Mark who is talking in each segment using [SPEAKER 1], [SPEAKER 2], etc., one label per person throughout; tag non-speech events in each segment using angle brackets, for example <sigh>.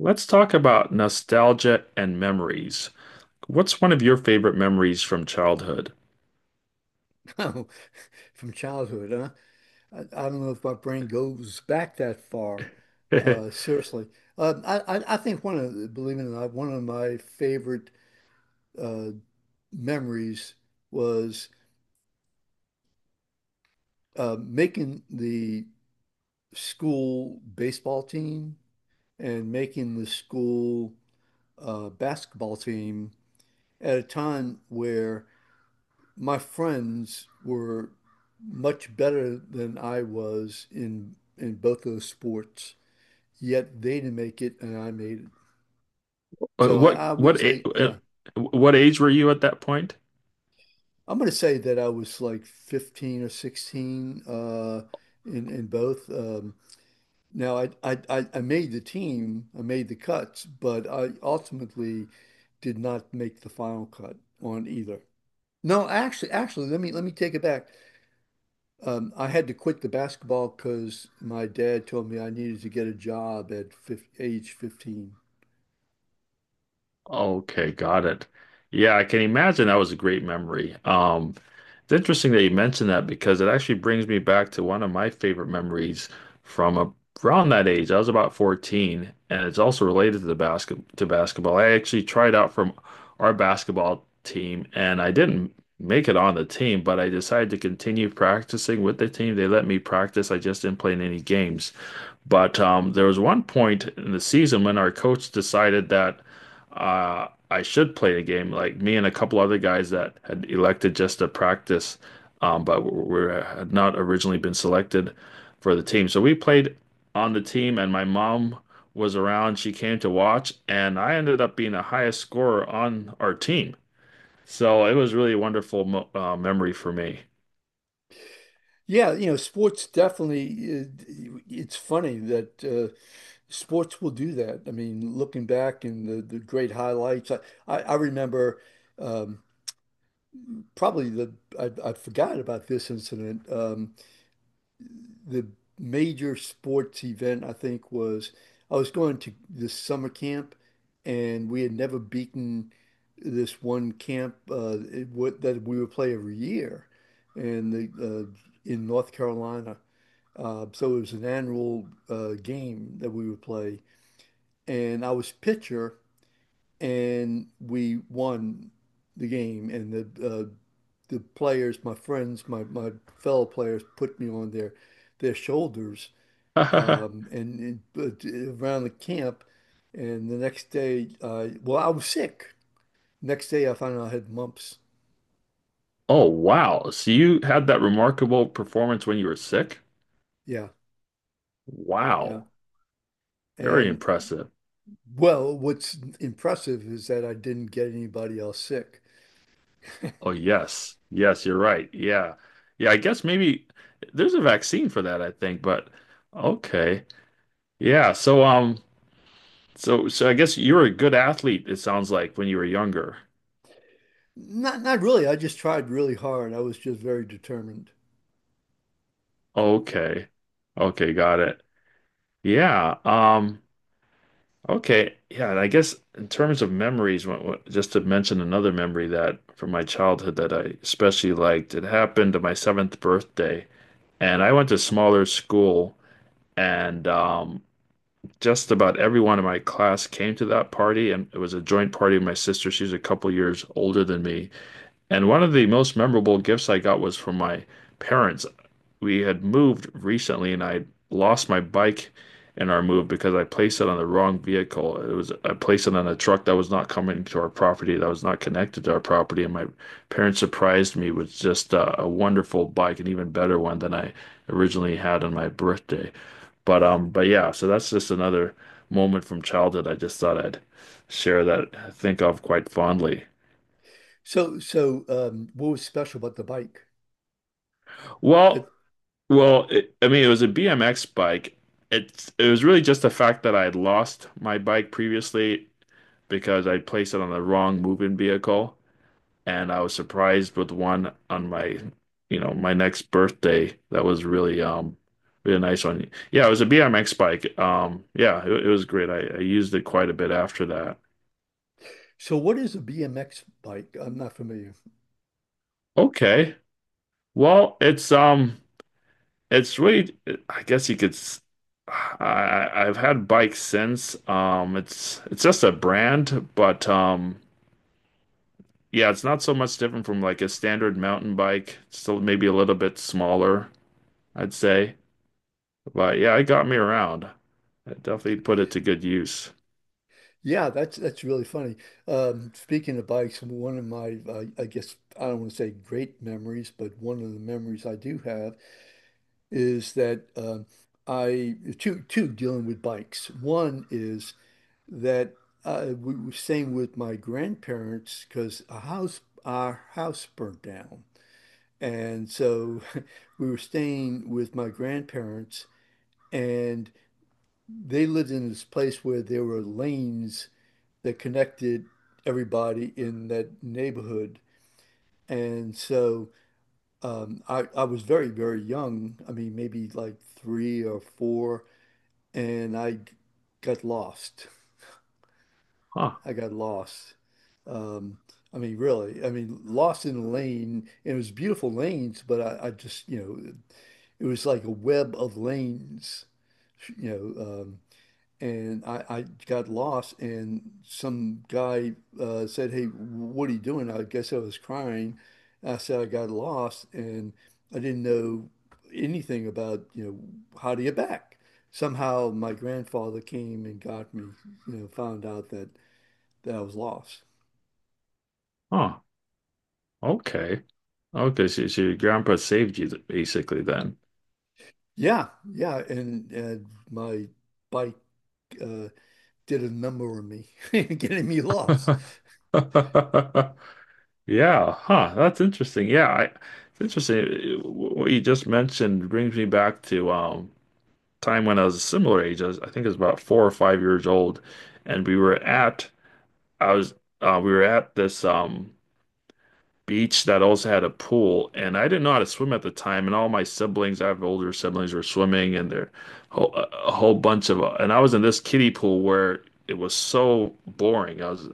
[SPEAKER 1] Let's talk about nostalgia and memories. What's one of your favorite memories from childhood?
[SPEAKER 2] Oh, <laughs> from childhood, huh? I don't know if my brain goes back that far. Uh,
[SPEAKER 1] <laughs>
[SPEAKER 2] seriously, um, I, I I think believe it or not, one of my favorite uh, memories was making the school baseball team and making the school basketball team at a time where my friends were much better than I was in both those sports, yet they didn't make it and I made it.
[SPEAKER 1] Uh,
[SPEAKER 2] So I,
[SPEAKER 1] What
[SPEAKER 2] I would
[SPEAKER 1] what a-
[SPEAKER 2] say,
[SPEAKER 1] uh,
[SPEAKER 2] yeah,
[SPEAKER 1] what age were you at that point?
[SPEAKER 2] I'm going to say that I was like 15 or 16 in both. Now I made the team, I made the cuts, but I ultimately did not make the final cut on either. No, actually, let me take it back. I had to quit the basketball because my dad told me I needed to get a job at fif age 15.
[SPEAKER 1] Okay, got it. Yeah, I can imagine that was a great memory. It's interesting that you mentioned that because it actually brings me back to one of my favorite memories from a, around that age. I was about 14, and it's also related to the basketball. I actually tried out from our basketball team, and I didn't make it on the team, but I decided to continue practicing with the team. They let me practice. I just didn't play in any games. But there was one point in the season when our coach decided that I should play the game. Like me and a couple other guys that had elected just to practice, but were had not originally been selected for the team. So we played on the team, and my mom was around. She came to watch, and I ended up being the highest scorer on our team. So it was really a wonderful mo memory for me.
[SPEAKER 2] Yeah, you know, sports definitely, it's funny that sports will do that. I mean, looking back and the great highlights, I remember, um, probably the, I forgot about this incident. The major sports event, I think, was I was going to this summer camp and we had never beaten this one camp, that we would play every year. And the, uh, in North Carolina. So it was an annual game that we would play, and I was pitcher, and we won the game. And the players, my friends, my fellow players, put me on their shoulders,
[SPEAKER 1] <laughs>
[SPEAKER 2] and around the camp. And the next day, well, I was sick. Next day, I found out I had mumps.
[SPEAKER 1] Oh, wow. So you had that remarkable performance when you were sick?
[SPEAKER 2] Yeah, yeah.
[SPEAKER 1] Wow. Very
[SPEAKER 2] And
[SPEAKER 1] impressive.
[SPEAKER 2] well, what's impressive is that I didn't get anybody else sick.
[SPEAKER 1] Oh, yes. Yes, you're right. Yeah. Yeah, I guess maybe there's a vaccine for that, I think, but okay. Yeah, so so I guess you were a good athlete, it sounds like, when you were younger.
[SPEAKER 2] Not really. I just tried really hard. I was just very determined.
[SPEAKER 1] Okay. Okay, got it. Yeah. Okay. Yeah, and I guess in terms of memories, just to mention another memory that from my childhood that I especially liked, it happened to my seventh birthday. And I went to smaller school. And just about everyone in my class came to that party, and it was a joint party with my sister. She's a couple years older than me. And one of the most memorable gifts I got was from my parents. We had moved recently, and I lost my bike in our move because I placed it on the wrong vehicle. It was I placed it on a truck that was not coming to our property, that was not connected to our property, and my parents surprised me with just a wonderful bike, an even better one than I originally had on my birthday. But yeah, so that's just another moment from childhood. I just thought I'd share that I think of quite fondly.
[SPEAKER 2] So what was special about the bike? That,
[SPEAKER 1] Well, well, I mean, it was a BMX bike. It was really just the fact that I had lost my bike previously because I placed it on the wrong moving vehicle, and I was surprised with one on my, you know, my next birthday. That was really really nice one. Yeah, it was a BMX bike. Yeah, it was great. I used it quite a bit after that.
[SPEAKER 2] so what is a BMX bike? I'm not familiar.
[SPEAKER 1] Okay. Well, it's really, I guess you could. S- I- I've had bikes since. It's just a brand, but yeah, it's not so much different from like a standard mountain bike. It's still maybe a little bit smaller, I'd say. But yeah, it got me around. I definitely put it to good use.
[SPEAKER 2] Yeah, that's really funny. Speaking of bikes, one of my, I guess I don't want to say great memories, but one of the memories I do have is that, I two two dealing with bikes. One is that we were staying with my grandparents because a house our house burnt down. And so <laughs> we were staying with my grandparents, and they lived in this place where there were lanes that connected everybody in that neighborhood. And so, I was very, very young. I mean, maybe like three or four, and I got lost.
[SPEAKER 1] Huh?
[SPEAKER 2] I got lost. Um, I mean, really, I mean, lost in a lane, and it was beautiful lanes, but I just, you know, it was like a web of lanes, you know, and I got lost, and some guy said, "Hey, what are you doing?" I guess I was crying. I said I got lost, and I didn't know anything about, you know, how to get back. Somehow my grandfather came and got me, you know, found out that I was lost.
[SPEAKER 1] Huh? Okay. Okay. So, so your grandpa saved you basically then.
[SPEAKER 2] Yeah, yeah, and my bike uh, did a number on me, <laughs> getting me lost.
[SPEAKER 1] <laughs> Yeah, huh. That's interesting. It's interesting. What you just mentioned brings me back to time when I was a similar age. I think it was about four or five years old, and we were at I was we were at this beach that also had a pool, and I didn't know how to swim at the time. And all my siblings, I have older siblings, were swimming, and a whole bunch of and I was in this kiddie pool where it was so boring. I was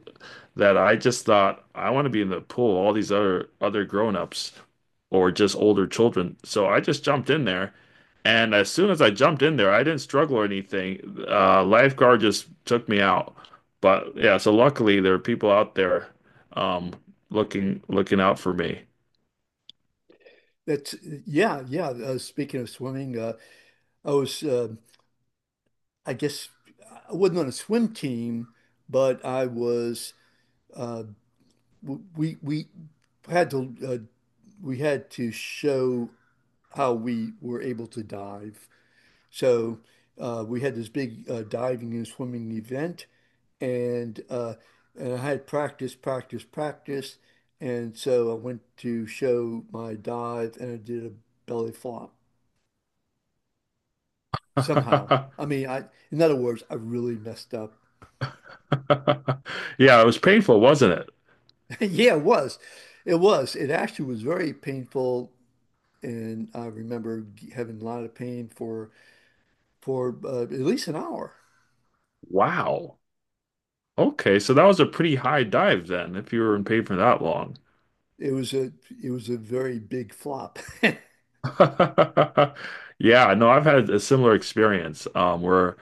[SPEAKER 1] that I just thought I want to be in the pool, all these other grown-ups or just older children. So I just jumped in there. And as soon as I jumped in there, I didn't struggle or anything. Lifeguard just took me out. But yeah, so luckily there are people out there um, looking out for me.
[SPEAKER 2] That's, yeah, yeah. Speaking of swimming, I was, uh, I guess, I wasn't on a swim team, but I was. Uh, we had to we had to show how we were able to dive. So we had this big diving and swimming event, and uh, and I had practice, practice, practice, and so I went to show my dive, and I did a belly flop somehow.
[SPEAKER 1] <laughs>
[SPEAKER 2] I mean, I In other words, I really messed up. <laughs>
[SPEAKER 1] Yeah, it was painful, wasn't it?
[SPEAKER 2] Yeah, it was, it was. It actually was very painful, and I remember having a lot of pain for at least an hour.
[SPEAKER 1] Wow. Okay, so that was a pretty high dive then, if you were in paid for that long.
[SPEAKER 2] It was a it was a very big flop. <laughs>
[SPEAKER 1] <laughs> Yeah, no, I've had a similar experience where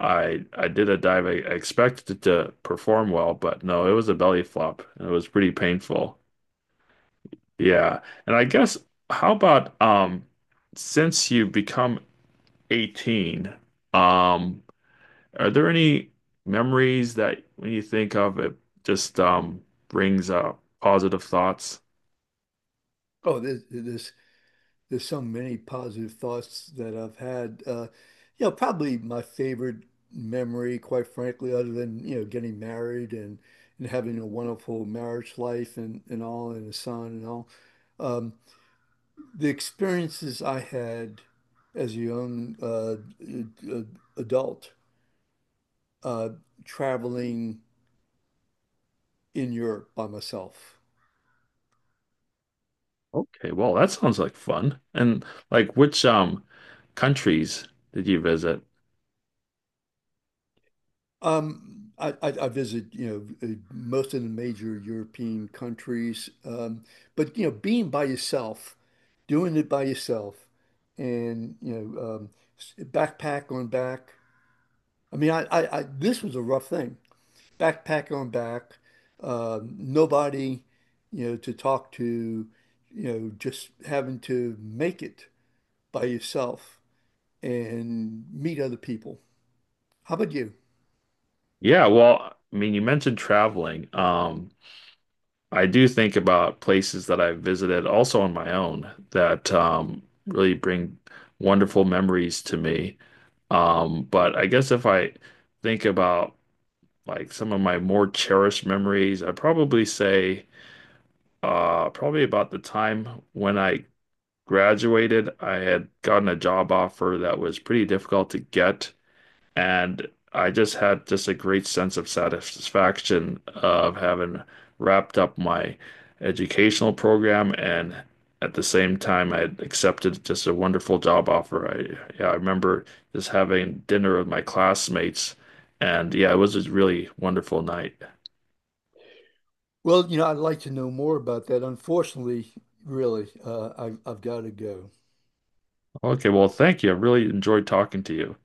[SPEAKER 1] I did a dive. I expected it to perform well, but no, it was a belly flop, and it was pretty painful. Yeah, and I guess how about since you've become 18, um, are there any memories that when you think of it just brings up positive thoughts?
[SPEAKER 2] Oh, this there's so many positive thoughts that I've had. You know, probably my favorite memory, quite frankly, other than, you know, getting married and having a wonderful marriage life and all and a son and all. Um, the experiences I had as a young adult uh, traveling in Europe by myself.
[SPEAKER 1] Okay, well, that sounds like fun. And like which countries did you visit?
[SPEAKER 2] I visit, you know, most of the major European countries. But, you know, being by yourself, doing it by yourself, and, you know, backpack on back. I mean, this was a rough thing. Backpack on back, nobody, you know, to talk to, you know, just having to make it by yourself and meet other people. How about you?
[SPEAKER 1] Yeah, well, I mean, you mentioned traveling. I do think about places that I've visited also on my own that really bring wonderful memories to me. But I guess if I think about like some of my more cherished memories, I'd probably say probably about the time when I graduated, I had gotten a job offer that was pretty difficult to get, and I just had just a great sense of satisfaction of having wrapped up my educational program and at the same time I had accepted just a wonderful job offer. I Yeah, I remember just having dinner with my classmates and yeah, it was a really wonderful night.
[SPEAKER 2] Well, you know, I'd like to know more about that. Unfortunately, really, I've got to go.
[SPEAKER 1] Okay, well, thank you. I really enjoyed talking to you.